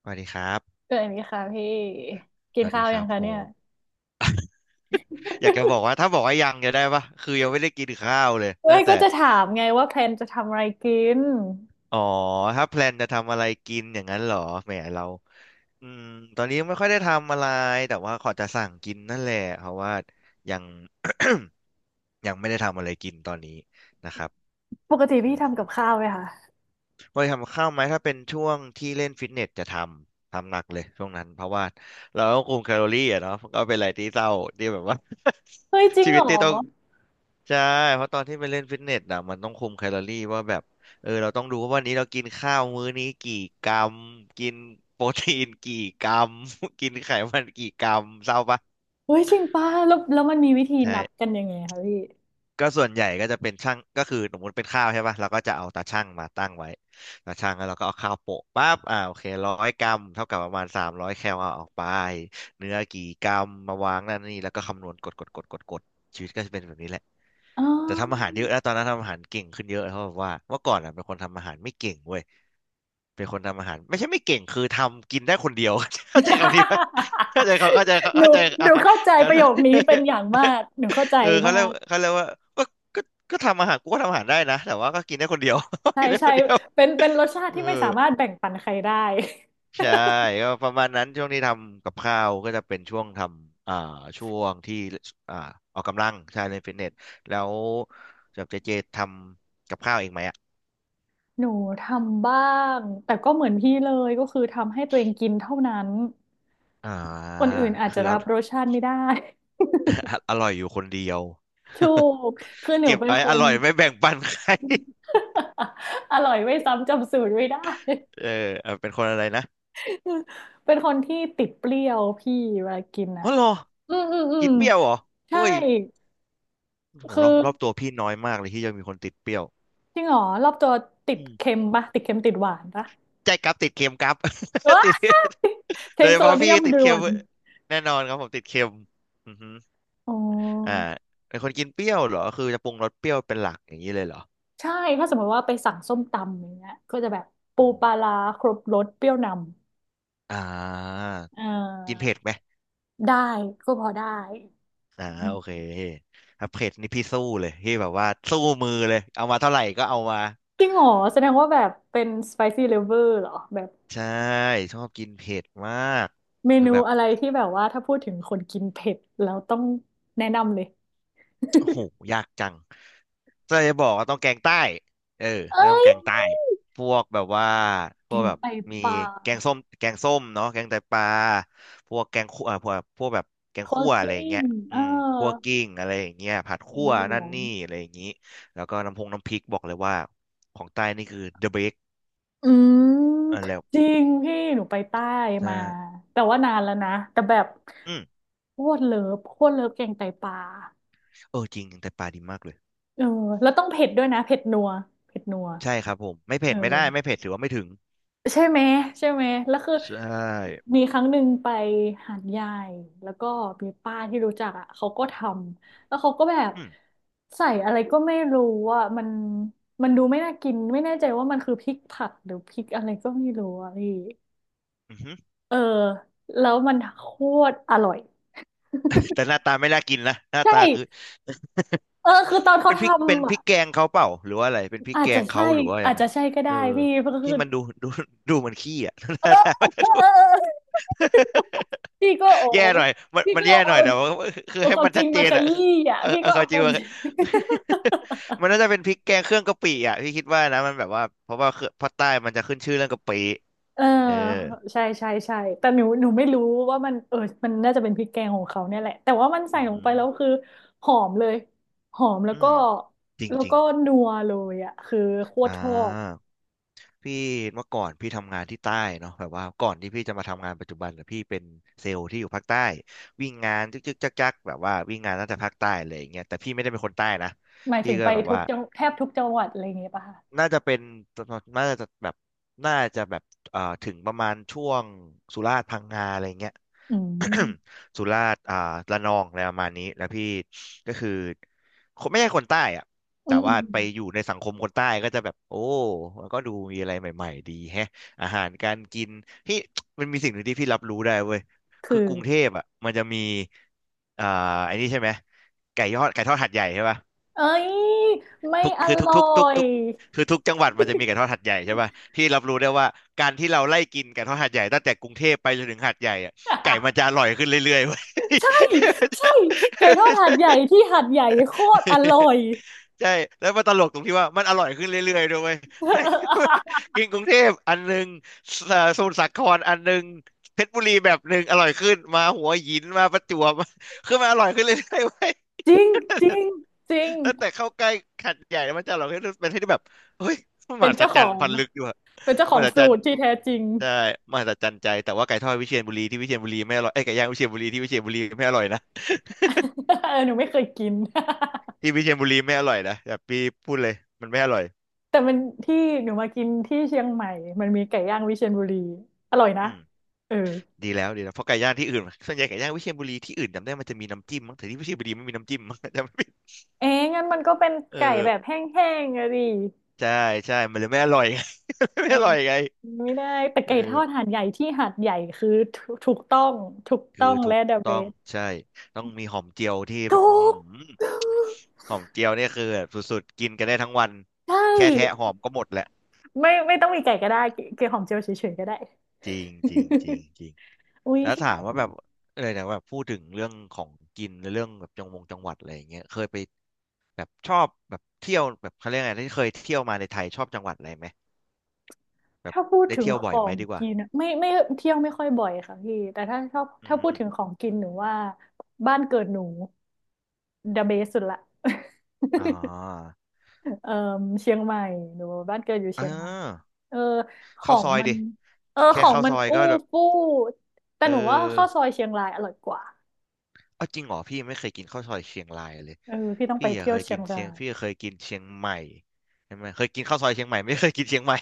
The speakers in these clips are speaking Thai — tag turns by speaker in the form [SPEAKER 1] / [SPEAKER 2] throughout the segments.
[SPEAKER 1] สวัสดีครับ
[SPEAKER 2] เกิดนี้ค่ะพี่กิ
[SPEAKER 1] ส
[SPEAKER 2] น
[SPEAKER 1] วัส
[SPEAKER 2] ข้า
[SPEAKER 1] ดี
[SPEAKER 2] ว
[SPEAKER 1] ค
[SPEAKER 2] ยั
[SPEAKER 1] รั
[SPEAKER 2] ง
[SPEAKER 1] บ
[SPEAKER 2] คะ
[SPEAKER 1] ผ
[SPEAKER 2] เนี่ย
[SPEAKER 1] มอยากจะบอกว่าถ้าบอกว่ายังจะได้ปะคือยังไม่ได้กินข้าวเลย
[SPEAKER 2] เฮ้
[SPEAKER 1] ตั้
[SPEAKER 2] ย
[SPEAKER 1] งแต่
[SPEAKER 2] ก็จะถามไงว่าแพลนจะทำอะไรกิน
[SPEAKER 1] อ๋อ ถ้าแพลนจะทำอะไรกินอย่างนั้นเหรอแหมเราอืมตอนนี้ไม่ค่อยได้ทำอะไร แต่ว่าขอจะสั่งกินนั่นแหละเพราะว่ายัง ยังไม่ได้ทำอะไรกินตอนนี้นะครับ
[SPEAKER 2] ปกติ
[SPEAKER 1] อื
[SPEAKER 2] พี่ทำกั
[SPEAKER 1] ม
[SPEAKER 2] บข้าวไหมคะ
[SPEAKER 1] พอทำข้าวไหมถ้าเป็นช่วงที่เล่นฟิตเนสจะทำหนักเลยช่วงนั้นเพราะว่าเราต้องคุมแคลอรี่อะเนาะมันก็เป็นอะไรที่เศร้าที่แบบว่า
[SPEAKER 2] เฮ้ยจ ริง
[SPEAKER 1] ชี
[SPEAKER 2] เห
[SPEAKER 1] วิ
[SPEAKER 2] ร
[SPEAKER 1] ต
[SPEAKER 2] อ
[SPEAKER 1] ที่ต้อง ใช่ เพราะตอนที่ไปเล่นฟิตเนสอ่ะมันต้องคุมแคลอรี่ว่าแบบเออเราต้องดูว่าวันนี้เรากินข้าวมื้อนี้กี่กรัมกินโปรตีนกี่กรัม กินไขมันกี่กรัมเศร้าปะ
[SPEAKER 2] เฮ้ยจริงป่ะแล้วมันมีวิธีนับกั
[SPEAKER 1] ใช่
[SPEAKER 2] นยังไงคะพี่
[SPEAKER 1] ก็ส่วนใหญ่ก็จะเป็นช่างก็คือสมมติเป็นข้าวใช่ป่ะเราก็จะเอาตาช่างมาตั้งไว้ตาช่างแล้วเราก็เอาข้าวโปะปั๊บอ่าโอเคร้อยกรัมเท่ากับประมาณสามร้อยแคลเอาออกไปเนื้อกี่กรัมมาวางนั่นนี่แล้วก็คำนวณกดกดกดกดกดชีวิตก็จะเป็นแบบนี้แหละ
[SPEAKER 2] อ๋อ
[SPEAKER 1] แต่ทำอาหารเยอะแล้วตอนนั้นทำอาหารเก่งขึ้นเยอะเพราะบว่าเมื่อก่อนอ่ะเป็นคนทำอาหารไม่เก่งเว้ยเป็นคนทำอาหารไม่ใช่ไม่เก่งคือทำกินได้คนเดียว เข้าใจคำนี้ปะเข้า ใจเขาเข้าใจเขา
[SPEAKER 2] หนู
[SPEAKER 1] เข้าใจ
[SPEAKER 2] ห
[SPEAKER 1] อ่ะ
[SPEAKER 2] นูเข้าใจประโยคนี้เป็นอ ย่างมากหนูเข้าใจ
[SPEAKER 1] เออเขา
[SPEAKER 2] มา
[SPEAKER 1] เรียก
[SPEAKER 2] ก
[SPEAKER 1] เขาเรียกว่าก็ก็ก็ทำอาหารกูก็ทำอาหารได้นะแต่ว่าก็กินได้คนเดียว
[SPEAKER 2] ใช่
[SPEAKER 1] กินได้
[SPEAKER 2] ใช่
[SPEAKER 1] คนเดียว
[SPEAKER 2] เป็นรสชา ติ
[SPEAKER 1] เออ
[SPEAKER 2] ที่ไม่สามารถแบ่งปันใครได้
[SPEAKER 1] ใช่ก็ประมาณนั้นช่วงที่ทำกับข้าวก็จะเป็นช่วงทำช่วงที่อ่าออกกำลังใช่เล่นฟิตเนสแล้วจับเจเจทำกับข้าวเองไหมอ่ะ
[SPEAKER 2] หนูทำบ้างแต่ก็เหมือนพี่เลยก็คือทำให้ตัวเองกินเท่านั้น
[SPEAKER 1] อ่
[SPEAKER 2] ค
[SPEAKER 1] า
[SPEAKER 2] นอื่นอาจจะ
[SPEAKER 1] คืออ
[SPEAKER 2] รับรสชาติไม่ได้
[SPEAKER 1] อร่อยอยู่คนเดียว
[SPEAKER 2] ถูก คือ หนู
[SPEAKER 1] เก็บ
[SPEAKER 2] เป็น
[SPEAKER 1] ไอ้
[SPEAKER 2] ค
[SPEAKER 1] อ
[SPEAKER 2] น
[SPEAKER 1] ร่อยไม่แบ่งปันใคร
[SPEAKER 2] อร่อยไม่ซ้ำจำสูตรไม่ได้
[SPEAKER 1] เออเป็นคนอะไรนะ
[SPEAKER 2] เป็นคนที่ติดเปรี้ยวพี่เวลากินอะ
[SPEAKER 1] ฮัลโหรอ
[SPEAKER 2] อืมอืมอื
[SPEAKER 1] กิ
[SPEAKER 2] ม
[SPEAKER 1] นเปรี้ยวเหรอ
[SPEAKER 2] ใช่
[SPEAKER 1] เอ้ย โห
[SPEAKER 2] คือ
[SPEAKER 1] รอบรอบตัวพี่น้อยมากเลยที่จะมีคนติดเปรี้ยว
[SPEAKER 2] จริงเหรอรอบตัวติ
[SPEAKER 1] อื
[SPEAKER 2] ดเค็
[SPEAKER 1] ม
[SPEAKER 2] มปะ ติดเค็มติดหวานปะ
[SPEAKER 1] ใช่ครับติดเค็มครับ
[SPEAKER 2] ว้า
[SPEAKER 1] ติ
[SPEAKER 2] ย
[SPEAKER 1] ด
[SPEAKER 2] เท
[SPEAKER 1] โด
[SPEAKER 2] ค
[SPEAKER 1] ยเฉ
[SPEAKER 2] โซ
[SPEAKER 1] พาะ
[SPEAKER 2] เดี
[SPEAKER 1] พี่
[SPEAKER 2] ยม
[SPEAKER 1] ติด
[SPEAKER 2] ด่
[SPEAKER 1] เค็
[SPEAKER 2] ว
[SPEAKER 1] ม
[SPEAKER 2] น
[SPEAKER 1] แน่นอนครับผมติดเค็มอือฮึ
[SPEAKER 2] อ๋
[SPEAKER 1] อ่า
[SPEAKER 2] อ
[SPEAKER 1] เป็นคนกินเปรี้ยวเหรอคือจะปรุงรสเปรี้ยวเป็นหลักอย่างนี้เลยเหรอ
[SPEAKER 2] ใช่ถ้าสมมติว่าไปสั่งส้มตำอย่างเงี้ยก็จะแบบปู
[SPEAKER 1] อือฮึ
[SPEAKER 2] ปลาร้าครบรสเปรี้ยวนำ
[SPEAKER 1] อ่า
[SPEAKER 2] เ
[SPEAKER 1] กิน
[SPEAKER 2] ออ
[SPEAKER 1] เผ็ดไหม
[SPEAKER 2] ได้ก็พอได้
[SPEAKER 1] โอเคถ้าเผ็ดนี่พี่สู้เลยพี่แบบว่าสู้มือเลยเอามาเท่าไหร่ก็เอามา
[SPEAKER 2] จริงเหรอแสดงว่าแบบเป็น spicy lover เหรอแบบ
[SPEAKER 1] ใช่ชอบกินเผ็ดมาก
[SPEAKER 2] เม
[SPEAKER 1] คือ
[SPEAKER 2] นู
[SPEAKER 1] แบบ
[SPEAKER 2] อะไรที่แบบว่าถ้าพูดถึงคนกินเผ็ดแล้วต้องแนะนำเลย
[SPEAKER 1] โอ้โหยากจังจะบอกว่าต้องแกงใต้เออก็
[SPEAKER 2] เอ้
[SPEAKER 1] ต้อง
[SPEAKER 2] ย
[SPEAKER 1] แกงใต้พวกแบบว่า พ
[SPEAKER 2] แก
[SPEAKER 1] วก
[SPEAKER 2] ง
[SPEAKER 1] แบบ
[SPEAKER 2] ไต
[SPEAKER 1] มี
[SPEAKER 2] ปลา
[SPEAKER 1] แกงส้ม แกงส้มเนาะแกงไตปลาพวกแกงคั่วพวกแบบแกง
[SPEAKER 2] โคล
[SPEAKER 1] คั่
[SPEAKER 2] ด
[SPEAKER 1] ว
[SPEAKER 2] ก
[SPEAKER 1] อะไรอย่าง
[SPEAKER 2] ลิ้
[SPEAKER 1] เงี้
[SPEAKER 2] ง
[SPEAKER 1] ย
[SPEAKER 2] เอ
[SPEAKER 1] อื
[SPEAKER 2] อ
[SPEAKER 1] มคั่วกิ้งอะไรอย่างเงี้ยผัด
[SPEAKER 2] แก
[SPEAKER 1] คั่
[SPEAKER 2] ง
[SPEAKER 1] ว
[SPEAKER 2] เหลื
[SPEAKER 1] นั่
[SPEAKER 2] อ
[SPEAKER 1] น
[SPEAKER 2] ง
[SPEAKER 1] นี่อะไรอย่างงี้แล้วก็น้ำพงน้ำพริกบอกเลยว่าของใต้นี่คือ the best
[SPEAKER 2] อืม
[SPEAKER 1] อันแล้ว
[SPEAKER 2] จริงพี่หนูไปใต้
[SPEAKER 1] ใช่
[SPEAKER 2] มาแต่ว่านานแล้วนะแต่แบบ
[SPEAKER 1] อืม
[SPEAKER 2] โคตรเลิฟโคตรเลิฟแกงไตปลา
[SPEAKER 1] เออจริงแกงไตปลาดีมากเลย
[SPEAKER 2] เออแล้วต้องเผ็ดด้วยนะเผ็ดนัวเผ็ดนัว
[SPEAKER 1] ใช่ครับผมไม่
[SPEAKER 2] เอ
[SPEAKER 1] เผ็
[SPEAKER 2] อ
[SPEAKER 1] ดไม่ได้ ไม่เผ็ดถือว่าไม่ถึง
[SPEAKER 2] ใช่ไหมใช่ไหมแล้วคือ
[SPEAKER 1] ใช่
[SPEAKER 2] มีครั้งหนึ่งไปหาดใหญ่แล้วก็มีป้าที่รู้จักอ่ะเขาก็ทำแล้วเขาก็แบบ
[SPEAKER 1] อืม
[SPEAKER 2] ใส่อะไรก็ไม่รู้อ่ะมันดูไม่น่ากินไม่แน่ใจว่ามันคือพริกผักหรือพริกอะไรก็ไม่รู้อ่ะพี่
[SPEAKER 1] อืม
[SPEAKER 2] เออแล้วมันโคตรอร่อย
[SPEAKER 1] แต่หน้าตาไม่น่ากินนะหน้า
[SPEAKER 2] ใช่
[SPEAKER 1] ตาคือ
[SPEAKER 2] เออคือตอน เขา
[SPEAKER 1] เป็น
[SPEAKER 2] ท
[SPEAKER 1] พริกเป็น
[SPEAKER 2] ำ
[SPEAKER 1] พ
[SPEAKER 2] อะ
[SPEAKER 1] ริกแกงเขาเปล่าหรือว่าอะไรเป็นพริก
[SPEAKER 2] อาจ
[SPEAKER 1] แก
[SPEAKER 2] จะ
[SPEAKER 1] ง
[SPEAKER 2] ใช่
[SPEAKER 1] เขาหรือว่ายั
[SPEAKER 2] อาจ
[SPEAKER 1] งไง
[SPEAKER 2] จะใช่ก็
[SPEAKER 1] เอ
[SPEAKER 2] ได้
[SPEAKER 1] อ
[SPEAKER 2] พี่เพราะคือ
[SPEAKER 1] ที่มันดูดูดูเหมันขี้อ่ะ หน้าตามันจะ ดู
[SPEAKER 2] เออเออพี่ก็โอ้
[SPEAKER 1] แย่หน่อยมัน
[SPEAKER 2] พี่
[SPEAKER 1] มัน
[SPEAKER 2] ก็
[SPEAKER 1] แย่หน่
[SPEAKER 2] เอา
[SPEAKER 1] อยแต่ว่าคือ
[SPEAKER 2] เอา
[SPEAKER 1] ให้
[SPEAKER 2] ความ
[SPEAKER 1] มัน
[SPEAKER 2] จ
[SPEAKER 1] ชั
[SPEAKER 2] ริง
[SPEAKER 1] ดเจ
[SPEAKER 2] มา
[SPEAKER 1] น
[SPEAKER 2] ข
[SPEAKER 1] อ่ะคือ
[SPEAKER 2] ยี้อ่ะ
[SPEAKER 1] เออ
[SPEAKER 2] พี่
[SPEAKER 1] เออ
[SPEAKER 2] ก็
[SPEAKER 1] เขา
[SPEAKER 2] เอา
[SPEAKER 1] จ
[SPEAKER 2] ค
[SPEAKER 1] ริง
[SPEAKER 2] วาม
[SPEAKER 1] ว่า
[SPEAKER 2] จริง
[SPEAKER 1] มันน่าจะเป็นพริกแกงเครื่องกะปิอ่ะพี่คิดว่านะมันแบบว่าเพราะว่าเครื่องภาคใต้มันจะขึ้นชื่อเรื่องกะปิ
[SPEAKER 2] เออ
[SPEAKER 1] เออ
[SPEAKER 2] ใช่ใช่ใช่แต่หนูไม่รู้ว่ามันเออมันน่าจะเป็นพริกแกงของเขาเนี่ยแหละ แต่ว่ามันใส่
[SPEAKER 1] อือ
[SPEAKER 2] ลง
[SPEAKER 1] หื
[SPEAKER 2] ไป
[SPEAKER 1] อ
[SPEAKER 2] แล้วคือหอมเลยหอมแล้ว
[SPEAKER 1] อื
[SPEAKER 2] ก็
[SPEAKER 1] มจริง
[SPEAKER 2] แล้ว
[SPEAKER 1] จริง
[SPEAKER 2] ก็นัวเลยอ่ะคือโคต
[SPEAKER 1] อ่า
[SPEAKER 2] รชอบ
[SPEAKER 1] พี่เมื่อก่อนพี่ทำงานที่ใต้เนาะแบบว่าก่อนที่พี่จะมาทำงานปัจจุบันเนี่ยพี่เป็นเซลล์ที่อยู่ภาคใต้วิ่งงานจึกจึกจักจักแบบว่าวิ่งงานตั้งแต่ภาคใต้เลยอย่างเงี้ยแต่พี่ไม่ได้เป็นคนใต้นะ
[SPEAKER 2] หมาย
[SPEAKER 1] พี่
[SPEAKER 2] ถึง
[SPEAKER 1] ก็
[SPEAKER 2] ไป
[SPEAKER 1] แบบ
[SPEAKER 2] ทุ
[SPEAKER 1] ว่า
[SPEAKER 2] กจังแทบทุกจังหวัดอะไรอย่างเงี้ยป่ะคะ
[SPEAKER 1] น่าจะเป็นน่าจะแบบน่าจะแบบถึงประมาณช่วงสุราษฎร์พังงาอะไรเงี้ย
[SPEAKER 2] อืม
[SPEAKER 1] สุราษฎร์ระนองอะไรประมาณนี้แล้วพี่ก็คือคนไม่ใช่คนใต้อะ
[SPEAKER 2] อื
[SPEAKER 1] แต่
[SPEAKER 2] มอื
[SPEAKER 1] ว่า
[SPEAKER 2] ม
[SPEAKER 1] ไปอยู่ในสังคมคนใต้ก็จะแบบโอ้มันก็ดูมีอะไรใหม่ๆดีแฮะอาหารการกินพี่ มันมีสิ่งหนึ่งที่พี่รับรู้ได้เว้ย
[SPEAKER 2] คือ
[SPEAKER 1] คือกรุงเทพอ่ะมันจะมีอ่าไอ้นี่ใช่ไหมไก่ยอดไก่ทอดหัดใหญ่ใช่ปะ
[SPEAKER 2] เอ้ยไม่
[SPEAKER 1] ทุก
[SPEAKER 2] อ
[SPEAKER 1] คือทุก
[SPEAKER 2] ร่
[SPEAKER 1] ทุ
[SPEAKER 2] อ
[SPEAKER 1] กทุก
[SPEAKER 2] ย
[SPEAKER 1] ทุกคือทุกจังหวัดมันจะมีไก่ทอดหัดใหญ่ใช่ป่ะที่รับรู้ได้ว่าการที่เราไล่กินไก่ทอดหัดใหญ่ตั้งแต่กรุงเทพไปจนถึงหัดใหญ่อะไก่มันจะอร่อยขึ้นเรื่อยๆเว้ย
[SPEAKER 2] ใช่ใช่ไก่ทอดหาดใหญ่ที่หาดใหญ่โคตรอร่อย
[SPEAKER 1] ใช่แล้วมันตลกตรงที่ว่ามันอร่อยขึ้นเรื่อยๆด้วยเวย ไก่ กินกรุงเทพอันหนึ่งสอ่าสมุทรสาครอันหนึ่งเพชรบุรีแบบหนึ่งอร่อยขึ้นมาหัวหินมาประจวบ คือมันอร่อยขึ้นเรื่อยๆเว้ย
[SPEAKER 2] จริงจ ริงจริง
[SPEAKER 1] แล้วแต่เข้าใกล้ขัดใหญ่แล้วมันจะเราให้เป็นที่แบบเฮ้ยมนม
[SPEAKER 2] เป็น
[SPEAKER 1] หัศ
[SPEAKER 2] เจ้าข
[SPEAKER 1] จร
[SPEAKER 2] อ
[SPEAKER 1] รย์
[SPEAKER 2] ง
[SPEAKER 1] พันลึกอยู่อะ
[SPEAKER 2] เป็นเจ้าข
[SPEAKER 1] ม
[SPEAKER 2] อง
[SPEAKER 1] หัศ
[SPEAKER 2] สู
[SPEAKER 1] จรร
[SPEAKER 2] ต
[SPEAKER 1] ย์
[SPEAKER 2] รที่แท้จริง
[SPEAKER 1] ใช่มหัศจรรย์ใจแต่ว่าไก่ทอดวิเชียรบุรีที่วิเชียรบุรีไม่อร่อยไอ้ยไก่ย่างวิเชียรบุรีที่วิเชียรบุรีไม่อร่อยนะ
[SPEAKER 2] เออหนูไม่เคยกิน
[SPEAKER 1] ที่วิเชียรบุรีไม่อร่อยนะแบบพี่พูดเลยมันไม่อร่อย
[SPEAKER 2] แต่มันที่หนูมากินที่เชียงใหม่มันมีไก่ย่างวิเชียรบุรีอร่อยนะ
[SPEAKER 1] อืม
[SPEAKER 2] เออ
[SPEAKER 1] ดีแล้วดีแล้วเพราะไก่ย่างที่อื่นส่วนใหญ่ไก่ย่างวิเชียรบุรีที่อื่นจำได้มันจะมีน้ำจิ้มมั้งแต่ที่วิเชียรบุรีไม่มีน้ำจิ้มมั้ง จำไม่ผิด
[SPEAKER 2] เอ๊ะงั้นมันก็เป็น
[SPEAKER 1] เอ
[SPEAKER 2] ไก่
[SPEAKER 1] อ
[SPEAKER 2] แบบแห้งๆอะดิ
[SPEAKER 1] ใช่ใช่มันเลยไม่อร่อยไง
[SPEAKER 2] เอ
[SPEAKER 1] ไม่
[SPEAKER 2] อ
[SPEAKER 1] อร่อยไง
[SPEAKER 2] ไม่ได้แต่
[SPEAKER 1] เอ
[SPEAKER 2] ไก่
[SPEAKER 1] อ
[SPEAKER 2] ทอดหาดใหญ่ที่หาดใหญ่คือถูกต้องถูกต้อ
[SPEAKER 1] คือ
[SPEAKER 2] ง
[SPEAKER 1] ถู
[SPEAKER 2] และ
[SPEAKER 1] ก
[SPEAKER 2] เดอะเบ
[SPEAKER 1] ต้อง
[SPEAKER 2] ส
[SPEAKER 1] ใช่ต้องมีหอมเจียวที่แบบ
[SPEAKER 2] ถู
[SPEAKER 1] อื้อหื
[SPEAKER 2] ก
[SPEAKER 1] อหอมเจียวเนี่ยคือแบบสุดๆกินกันได้ทั้งวัน
[SPEAKER 2] ใช่
[SPEAKER 1] แค่แทะหอมก็หมดแหละ
[SPEAKER 2] ไม่ไม่ต้องมีไก่ก็ได้เกลือหอมเจียวเฉยๆก็ได้
[SPEAKER 1] จริงจริงจริง จริง
[SPEAKER 2] อุ้ย
[SPEAKER 1] แล้ว
[SPEAKER 2] ชอ
[SPEAKER 1] ถาม
[SPEAKER 2] บ
[SPEAKER 1] ว่าแบบอะไรนะแบบพูดถึงเรื่องของกินหรือเรื่องแบบจังหวัดอะไรอย่างเงี้ยเคยไปแบบชอบแบบเที่ยวแบบเขาเรียกไงที่เคยเที่ยวมาในไทยชอบจังหวัดอะไรไหมแบบ
[SPEAKER 2] ถ้าพูด
[SPEAKER 1] ได้
[SPEAKER 2] ถึง
[SPEAKER 1] เที่ยว
[SPEAKER 2] ข
[SPEAKER 1] บ่อย
[SPEAKER 2] อ
[SPEAKER 1] ไหม
[SPEAKER 2] ง
[SPEAKER 1] ดีกว่า
[SPEAKER 2] กินอะไม่ไม่เที่ยวไม่ค่อยบ่อยค่ะพี่แต่ถ้าชอบ
[SPEAKER 1] อื
[SPEAKER 2] ถ้าพูดถึง
[SPEAKER 1] ม
[SPEAKER 2] ของกินหนูว่าบ้านเกิดหนู the best สุดละ
[SPEAKER 1] อ๋อ
[SPEAKER 2] เออเชียงใหม่หนูบ้านเกิดอยู่
[SPEAKER 1] เอ
[SPEAKER 2] เชียงใหม่
[SPEAKER 1] อ
[SPEAKER 2] เออขอ
[SPEAKER 1] ข้าว
[SPEAKER 2] ง
[SPEAKER 1] ซอย
[SPEAKER 2] มัน
[SPEAKER 1] ดิ
[SPEAKER 2] เออข
[SPEAKER 1] แค่
[SPEAKER 2] อง
[SPEAKER 1] ข้าว
[SPEAKER 2] มั
[SPEAKER 1] ซ
[SPEAKER 2] น
[SPEAKER 1] อย
[SPEAKER 2] อู้
[SPEAKER 1] ก็แบบ
[SPEAKER 2] ฟู่แต่
[SPEAKER 1] เอ
[SPEAKER 2] หนูว่าข้าวซ
[SPEAKER 1] อ
[SPEAKER 2] อยเชียงรายอร่อยกว่า
[SPEAKER 1] เอาจริงเหรอพี่ไม่เคยกินข้าวซอยเชียงรายเลย
[SPEAKER 2] เออพี่ต้องไป
[SPEAKER 1] พี่อะ
[SPEAKER 2] เที่ย
[SPEAKER 1] เค
[SPEAKER 2] ว
[SPEAKER 1] ย
[SPEAKER 2] เชีย
[SPEAKER 1] กิ
[SPEAKER 2] ง
[SPEAKER 1] น
[SPEAKER 2] รา
[SPEAKER 1] เชียง
[SPEAKER 2] ย
[SPEAKER 1] เคยกินเชียงใหม่ใช่ไหมเคยกินข้าวซอยเชียงใหม่ไม่เคยกินเชียงใหม่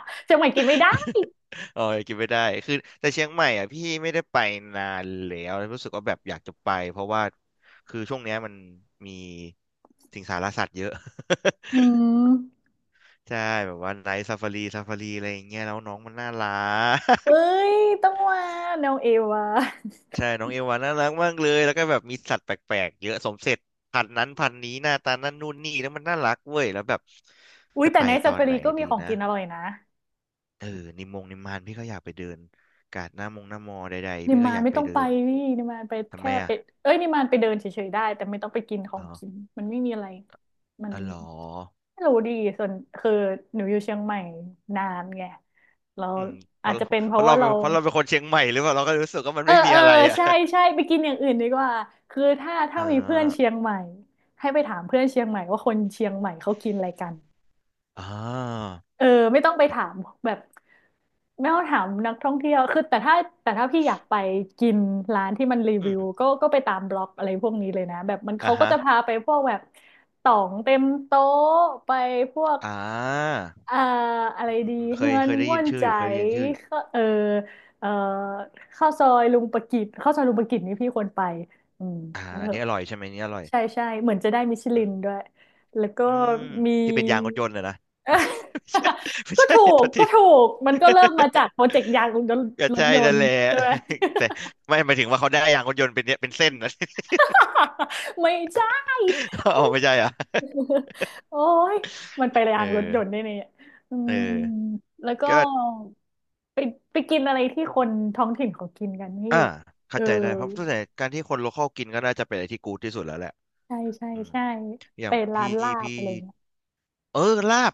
[SPEAKER 2] เชียงใหม่กินไม่ได้
[SPEAKER 1] เออกินไม่ได้คือแต่เชียงใหม่อ่ะพี่ไม่ได้ไปนานแล้วรู้สึกว่าแบบอยากจะไปเพราะว่าคือช่วงเนี้ยมันมีสิงสารสัตว์เยอะ
[SPEAKER 2] อืม
[SPEAKER 1] ใช่แบบว่าไนท์ซาฟารีซาฟารีอะไรอย่างเงี้ยแล้วน้องมันน่ารั
[SPEAKER 2] เอ้
[SPEAKER 1] ก
[SPEAKER 2] ยต้องมาแนวเอวา
[SPEAKER 1] ใช่น้องเอวาน่ารักมากเลยแล้วก็แบบมีสัตว์แปลกๆเยอะสมเสร็จพันธุ์นั้นพันธุ์นี้หน้าตานั่นนู่นนี่แล้วมันน่ารักเว้ยแล้วแบบ
[SPEAKER 2] อุ้ย
[SPEAKER 1] จะ
[SPEAKER 2] แต่
[SPEAKER 1] ไป
[SPEAKER 2] ใน
[SPEAKER 1] ต
[SPEAKER 2] ซา
[SPEAKER 1] อน
[SPEAKER 2] ฟา
[SPEAKER 1] ไห
[SPEAKER 2] รี
[SPEAKER 1] น
[SPEAKER 2] ก็มี
[SPEAKER 1] ดี
[SPEAKER 2] ของ
[SPEAKER 1] นะ
[SPEAKER 2] กินอร่อยนะ
[SPEAKER 1] เออนิมงนิมมานพี่ก็อยากไปเดินกาดหน้ามงหน้ามอใด
[SPEAKER 2] นิ
[SPEAKER 1] ๆ
[SPEAKER 2] ม
[SPEAKER 1] พี่ก็
[SPEAKER 2] มา
[SPEAKER 1] อ
[SPEAKER 2] น
[SPEAKER 1] ยาก
[SPEAKER 2] ไม่
[SPEAKER 1] ไป
[SPEAKER 2] ต้องไป
[SPEAKER 1] เดิน
[SPEAKER 2] นี่นิมมานไป
[SPEAKER 1] ทำไม
[SPEAKER 2] แค่ไป
[SPEAKER 1] อ่ะ
[SPEAKER 2] เอ้ยนิมมานไปเดินเฉยๆได้แต่ไม่ต้องไปกินขอ
[SPEAKER 1] อ๋
[SPEAKER 2] ง
[SPEAKER 1] อ
[SPEAKER 2] กินมันไม่มีอะไรมัน
[SPEAKER 1] อ๋อเหรอ
[SPEAKER 2] ไม่รู้ดีส่วนคือหนูอยู่เชียงใหม่นานไงเรา
[SPEAKER 1] อืมเพ
[SPEAKER 2] อา
[SPEAKER 1] ราะ
[SPEAKER 2] จจะเป็นเพราะว่าเรา
[SPEAKER 1] เพราะเราเป็นคนเชียงใหม่หรือเปล่าเราก็รู้สึกว่ามัน
[SPEAKER 2] เออ
[SPEAKER 1] ไม่มี
[SPEAKER 2] เออ
[SPEAKER 1] อะไรอ่ะ
[SPEAKER 2] ใช่ใช่ไปกินอย่างอื่นดีกว่าคือถ้า ถ้า
[SPEAKER 1] อ่า
[SPEAKER 2] มีเพื่อนเชียงใหม่ให้ไปถามเพื่อนเชียงใหม่ว่าคนเชียงใหม่เขากินอะไรกัน
[SPEAKER 1] อ่า
[SPEAKER 2] เออไม่ต้องไปถามแบบไม่ต้องถามนักท่องเที่ยวคือแต่ถ้าพี่อยากไปกินร้านที่มันรี
[SPEAKER 1] อื
[SPEAKER 2] วิว
[SPEAKER 1] ม
[SPEAKER 2] ก็ไปตามบล็อกอะไรพวกนี้เลยนะแบบมัน
[SPEAKER 1] อ่า
[SPEAKER 2] เขาก็
[SPEAKER 1] ฮะ
[SPEAKER 2] จะพาไปพวกแบบต่องเต็มโต๊ะไปพวก
[SPEAKER 1] อ่า
[SPEAKER 2] เอ่ออะไร
[SPEAKER 1] อืมอืม
[SPEAKER 2] ดี
[SPEAKER 1] อืมเค
[SPEAKER 2] เฮื
[SPEAKER 1] ย
[SPEAKER 2] อน
[SPEAKER 1] เคยได้
[SPEAKER 2] ม่
[SPEAKER 1] ยิ
[SPEAKER 2] ว
[SPEAKER 1] น
[SPEAKER 2] น
[SPEAKER 1] ชื่อ
[SPEAKER 2] ใจ
[SPEAKER 1] อยู่เคยได้ยินชื่ออยู่
[SPEAKER 2] ข้าเออเอ่อข้าวซอยลุงประกิตนี่พี่ควรไปอืม
[SPEAKER 1] อ่า
[SPEAKER 2] เอ
[SPEAKER 1] อันนี้อร่อยใช่ไหมอันนี้อร่อย
[SPEAKER 2] ใช่ใช่เหมือนจะได้มิชลินด้วยแล้วก็
[SPEAKER 1] อืม
[SPEAKER 2] มี
[SPEAKER 1] ที่เป็นยางรถยนต์เลยนะ อ้าวไม่
[SPEAKER 2] เออ
[SPEAKER 1] ใช่ไม่
[SPEAKER 2] ก็
[SPEAKER 1] ใช่
[SPEAKER 2] ถู
[SPEAKER 1] โท
[SPEAKER 2] ก
[SPEAKER 1] ษ
[SPEAKER 2] ก็
[SPEAKER 1] ที
[SPEAKER 2] ถูกมันก็ เริ่มมาจากโปรเจกต์ยางรถย
[SPEAKER 1] ก็ใช่นั่
[SPEAKER 2] น
[SPEAKER 1] น
[SPEAKER 2] ต์
[SPEAKER 1] แหละ
[SPEAKER 2] ใช่ไหม
[SPEAKER 1] แต่ไม่หมายถึงว่าเขาได้ยางรถยนต์เป็นเนี่ยเป็นเส้นนะ
[SPEAKER 2] ไม่ใช่
[SPEAKER 1] อ๋อไม่ใช่เหรอ่ะ
[SPEAKER 2] โอ้ยมันไป
[SPEAKER 1] เอ
[SPEAKER 2] ยา
[SPEAKER 1] อ
[SPEAKER 2] งรถยนต์ได้เนี่ยอื
[SPEAKER 1] เออ
[SPEAKER 2] มแล้วก็
[SPEAKER 1] ก็
[SPEAKER 2] ไปกินอะไรที่คนท้องถิ่นเขากินกันพี่
[SPEAKER 1] อ่า
[SPEAKER 2] เอ
[SPEAKER 1] เข้า
[SPEAKER 2] อ
[SPEAKER 1] ใจได้เพราะส่วนใหญ่การที่คนโลคอลกินก็น่าจะเป็นอะไรที่กูดที่สุดแล้วแหละ
[SPEAKER 2] ใช่ใช่
[SPEAKER 1] อืม
[SPEAKER 2] ใช่
[SPEAKER 1] อย่า
[SPEAKER 2] ไป
[SPEAKER 1] ง
[SPEAKER 2] ร้านลาบ
[SPEAKER 1] พี่
[SPEAKER 2] อะไรเงี้ย
[SPEAKER 1] เออลาบ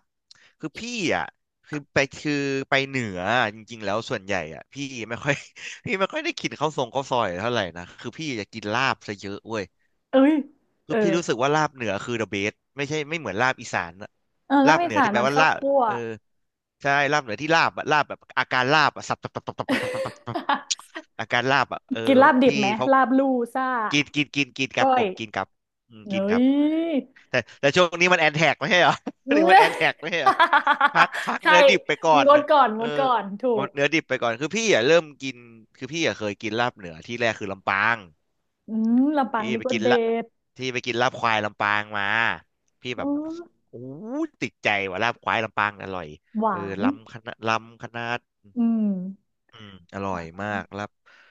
[SPEAKER 1] คือพี่อ่ะคือไปเหนืออะจริงๆแล้วส่วนใหญ่อ่ะพี่ไม่ค่อย พี่ไม่ค่อยได้กินข้าวทรงข้าวซอยเท่าไหร่นะคือพี่จะกินลาบซะเยอะเว้ย
[SPEAKER 2] เอ้ยเอ
[SPEAKER 1] คือ
[SPEAKER 2] อ
[SPEAKER 1] พี่รู้สึกว่าลาบเหนือคือ the best ไม่ใช่ไม่เหมือนลาบอีสานอะ
[SPEAKER 2] เออลา
[SPEAKER 1] ลา
[SPEAKER 2] บ
[SPEAKER 1] บ
[SPEAKER 2] อี
[SPEAKER 1] เหนือ
[SPEAKER 2] สาน
[SPEAKER 1] ที่แปล
[SPEAKER 2] มัน
[SPEAKER 1] ว่า
[SPEAKER 2] ข้าว
[SPEAKER 1] ลาบ
[SPEAKER 2] คั่ว
[SPEAKER 1] เออใช่ลาบเหนือที่ลาบอะลาบแบบอาการลาบอะสับตับตับตับตับตับตับตับตับ อาการลาบอะเออ
[SPEAKER 2] กิน
[SPEAKER 1] แบ
[SPEAKER 2] ลาบ
[SPEAKER 1] บ
[SPEAKER 2] ดิบ
[SPEAKER 1] พี่
[SPEAKER 2] ไหม
[SPEAKER 1] เขา
[SPEAKER 2] ลาบลู่ซ่า
[SPEAKER 1] กินกินกินกินครั
[SPEAKER 2] ก้
[SPEAKER 1] บ
[SPEAKER 2] อ
[SPEAKER 1] ผ
[SPEAKER 2] ย
[SPEAKER 1] มกินครับอืม
[SPEAKER 2] เฮ้
[SPEAKER 1] กินครั
[SPEAKER 2] ย
[SPEAKER 1] บ แต่ช่วงนี้มันแอนแท็กไม่ใช่เหรอ ช่
[SPEAKER 2] อื
[SPEAKER 1] วงนี้
[SPEAKER 2] ม
[SPEAKER 1] มันแอนแท็ก ไม่ใช่เหรอพัก
[SPEAKER 2] ใช่
[SPEAKER 1] เนื้อดิบไปก่อน
[SPEAKER 2] งดก่อน
[SPEAKER 1] เอ
[SPEAKER 2] ง
[SPEAKER 1] อ
[SPEAKER 2] ดก่อน ถู
[SPEAKER 1] หม
[SPEAKER 2] ก
[SPEAKER 1] ดเนื้อดิบไปก่อนคือพี่อ่ะเริ่มกินคือพี่อ่ะเคยกินลาบเหนือที่แรกคือลำปาง
[SPEAKER 2] อืมลำปาง
[SPEAKER 1] พี่
[SPEAKER 2] นี่
[SPEAKER 1] ไป
[SPEAKER 2] ก็
[SPEAKER 1] กิน
[SPEAKER 2] เด็
[SPEAKER 1] ละ
[SPEAKER 2] ด
[SPEAKER 1] ที่ไปกินลาบควายลำปางมาพี่
[SPEAKER 2] อ๋
[SPEAKER 1] แบ
[SPEAKER 2] อ
[SPEAKER 1] บโอ้ยติดใจว่าลาบควายลำปางอร่อย
[SPEAKER 2] ห
[SPEAKER 1] เออ
[SPEAKER 2] วาน
[SPEAKER 1] ลำคณะลำคณะ
[SPEAKER 2] อืม
[SPEAKER 1] อืมอร่อยมากลาบ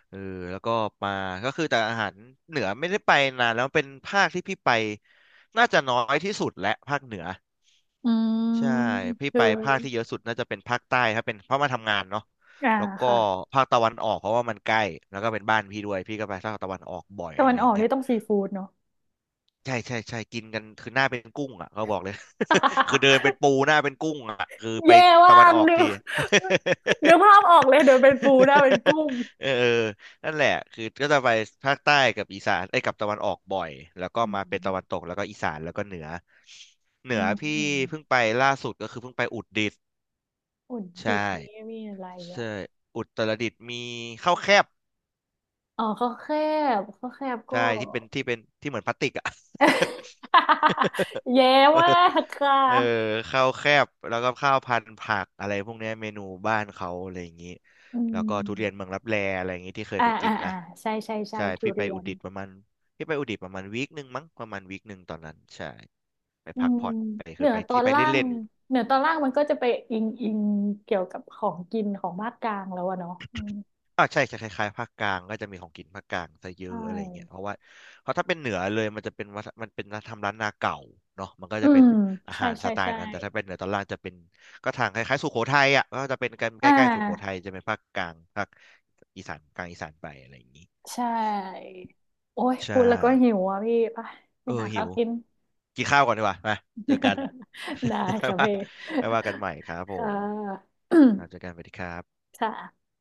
[SPEAKER 1] เออแล้วก็มาก็คือแต่อาหารเหนือไม่ได้ไปนานแล้วเป็นภาคที่พี่ไปน่าจะน้อยที่สุดและภาคเหนือ
[SPEAKER 2] อื
[SPEAKER 1] ใช่
[SPEAKER 2] ม
[SPEAKER 1] พี่
[SPEAKER 2] คื
[SPEAKER 1] ไป
[SPEAKER 2] อ
[SPEAKER 1] ภาคที่เยอะสุดน่าจะเป็นภาคใต้ถ้าเป็นเพราะมาทำงานเนาะ
[SPEAKER 2] อ่า
[SPEAKER 1] แล้วก็
[SPEAKER 2] ค่ะ
[SPEAKER 1] ภาคตะวันออกเพราะว่ามันใกล้แล้วก็เป็นบ้านพี่ด้วยพี่ก็ไปภาคตะวันออกบ่อย
[SPEAKER 2] ตะ
[SPEAKER 1] อะ
[SPEAKER 2] วัน
[SPEAKER 1] ไรอ
[SPEAKER 2] ออ
[SPEAKER 1] ย่าง
[SPEAKER 2] ก
[SPEAKER 1] เงี้
[SPEAKER 2] นี่
[SPEAKER 1] ย
[SPEAKER 2] ต้องซีฟู้ดเนาะ
[SPEAKER 1] ใช่ใช่ใช่กินกันคือหน้าเป็นกุ้งอ่ะเขาบอกเลย คือเดินเป็นปูหน้าเป็นกุ้งอ่ะคือ ไป
[SPEAKER 2] แย่
[SPEAKER 1] ตะ
[SPEAKER 2] ว่า
[SPEAKER 1] วัน
[SPEAKER 2] ก
[SPEAKER 1] ออก
[SPEAKER 2] นึ
[SPEAKER 1] ที
[SPEAKER 2] ก นึกภาพออกเลยเดี๋ยวเป็นปูนะเป็นกุ้ง
[SPEAKER 1] เออนั่นแหละคือก็จะไปภาคใต้กับอีสานไอ้ยกับตะวันออกบ่อยแล้วก็
[SPEAKER 2] อื
[SPEAKER 1] มาเป็นตะวันต
[SPEAKER 2] ม
[SPEAKER 1] กแล้วก็อีสานแล้วก็เหนือเหนื
[SPEAKER 2] อื
[SPEAKER 1] อ
[SPEAKER 2] ม
[SPEAKER 1] พี่
[SPEAKER 2] อืม
[SPEAKER 1] เพิ่งไปล่าสุดก็คือเพิ่งไปอุตรดิตถ์
[SPEAKER 2] อุตรดิต
[SPEAKER 1] ใช่
[SPEAKER 2] ถ์นี่มีอะไรอ่ะ
[SPEAKER 1] ใช่อุตรดิตถ์มีข้าวแคบ
[SPEAKER 2] อ๋อข้าวแคบข้าวแคบก็
[SPEAKER 1] ใช่ที่เป็นที่เหมือนพลาสติกอ่ะ
[SPEAKER 2] เย้มา กค่ะ
[SPEAKER 1] เออข้าวแคบแล้วก็ข้าวพันธุ์ผักอะไรพวกเนี้ยเมนูบ้านเขาอะไรอย่างนี้
[SPEAKER 2] อื
[SPEAKER 1] แล้วก็
[SPEAKER 2] ม
[SPEAKER 1] ทุเรียนเมืองลับแลอะไรอย่างนี้ที่เคย
[SPEAKER 2] อ่า
[SPEAKER 1] ไปกิ
[SPEAKER 2] อ่า
[SPEAKER 1] น
[SPEAKER 2] อ่า
[SPEAKER 1] นะ
[SPEAKER 2] ใช่
[SPEAKER 1] ใช่
[SPEAKER 2] ทุ
[SPEAKER 1] พี่ไป
[SPEAKER 2] เรีย
[SPEAKER 1] อุตร
[SPEAKER 2] น
[SPEAKER 1] ดิตถ์ประมาณพี่ไปอุตรดิตถ์ประมาณวีคหนึ่งมั้งประมาณวีคหนึ่งตอนนั้นใช่ไป
[SPEAKER 2] อื
[SPEAKER 1] พัก
[SPEAKER 2] ม
[SPEAKER 1] ผ่อนไป
[SPEAKER 2] เห
[SPEAKER 1] คื
[SPEAKER 2] นื
[SPEAKER 1] อ
[SPEAKER 2] อ
[SPEAKER 1] ไป
[SPEAKER 2] ตอ
[SPEAKER 1] ที่
[SPEAKER 2] น
[SPEAKER 1] ไป
[SPEAKER 2] ล่าง
[SPEAKER 1] เล่น
[SPEAKER 2] เหนือตอนล่างมันก็จะไปอิงเกี่ยวกับของกินของภาคกลางแล้วอะเนาะอืม
[SPEAKER 1] อ่าใช่จะคล้ายๆภาคกลางก็จะมีของกินภาคกลางซะเย
[SPEAKER 2] ใช่
[SPEAKER 1] อะอะไรเงี้ยเพราะว่าเพราะถ้าเป็นเหนือเลยมันจะเป็นวัฒมันเป็นทำร้านนาเก่าเนาะมันก็
[SPEAKER 2] อื
[SPEAKER 1] จะเป็
[SPEAKER 2] ม
[SPEAKER 1] นอา
[SPEAKER 2] ใช่
[SPEAKER 1] หารส
[SPEAKER 2] ใช่
[SPEAKER 1] ไต
[SPEAKER 2] ใช่
[SPEAKER 1] ล์นั้นแต่ถ้าเป็นเหนือตอนล่างจะเป็นก็ทางคล้ายๆสุโขทัยอ่ะก็จะเป็นกันใก
[SPEAKER 2] อ่
[SPEAKER 1] ล้ๆสุโขทัย
[SPEAKER 2] า
[SPEAKER 1] จะเป็นภาคกลางภาคอีสานกลางอีสานไปอะไรอย่างนี้
[SPEAKER 2] ใช่ โอ้ยพู
[SPEAKER 1] ใช่
[SPEAKER 2] ดแล้วก็หิวอ่ะพี่ไป
[SPEAKER 1] เออ
[SPEAKER 2] หา
[SPEAKER 1] หิ
[SPEAKER 2] ข้าว
[SPEAKER 1] ว
[SPEAKER 2] กิน
[SPEAKER 1] กินข้าวก่อนดีกว่ามาเจอกัน
[SPEAKER 2] ได้
[SPEAKER 1] ค่อย
[SPEAKER 2] ค่ะ
[SPEAKER 1] ว่า
[SPEAKER 2] พี่
[SPEAKER 1] ค่อยว่ากันใหม่ครับผ
[SPEAKER 2] ค่ะ
[SPEAKER 1] ม ครับเจอกันสวัสดีครับ
[SPEAKER 2] ค่ะ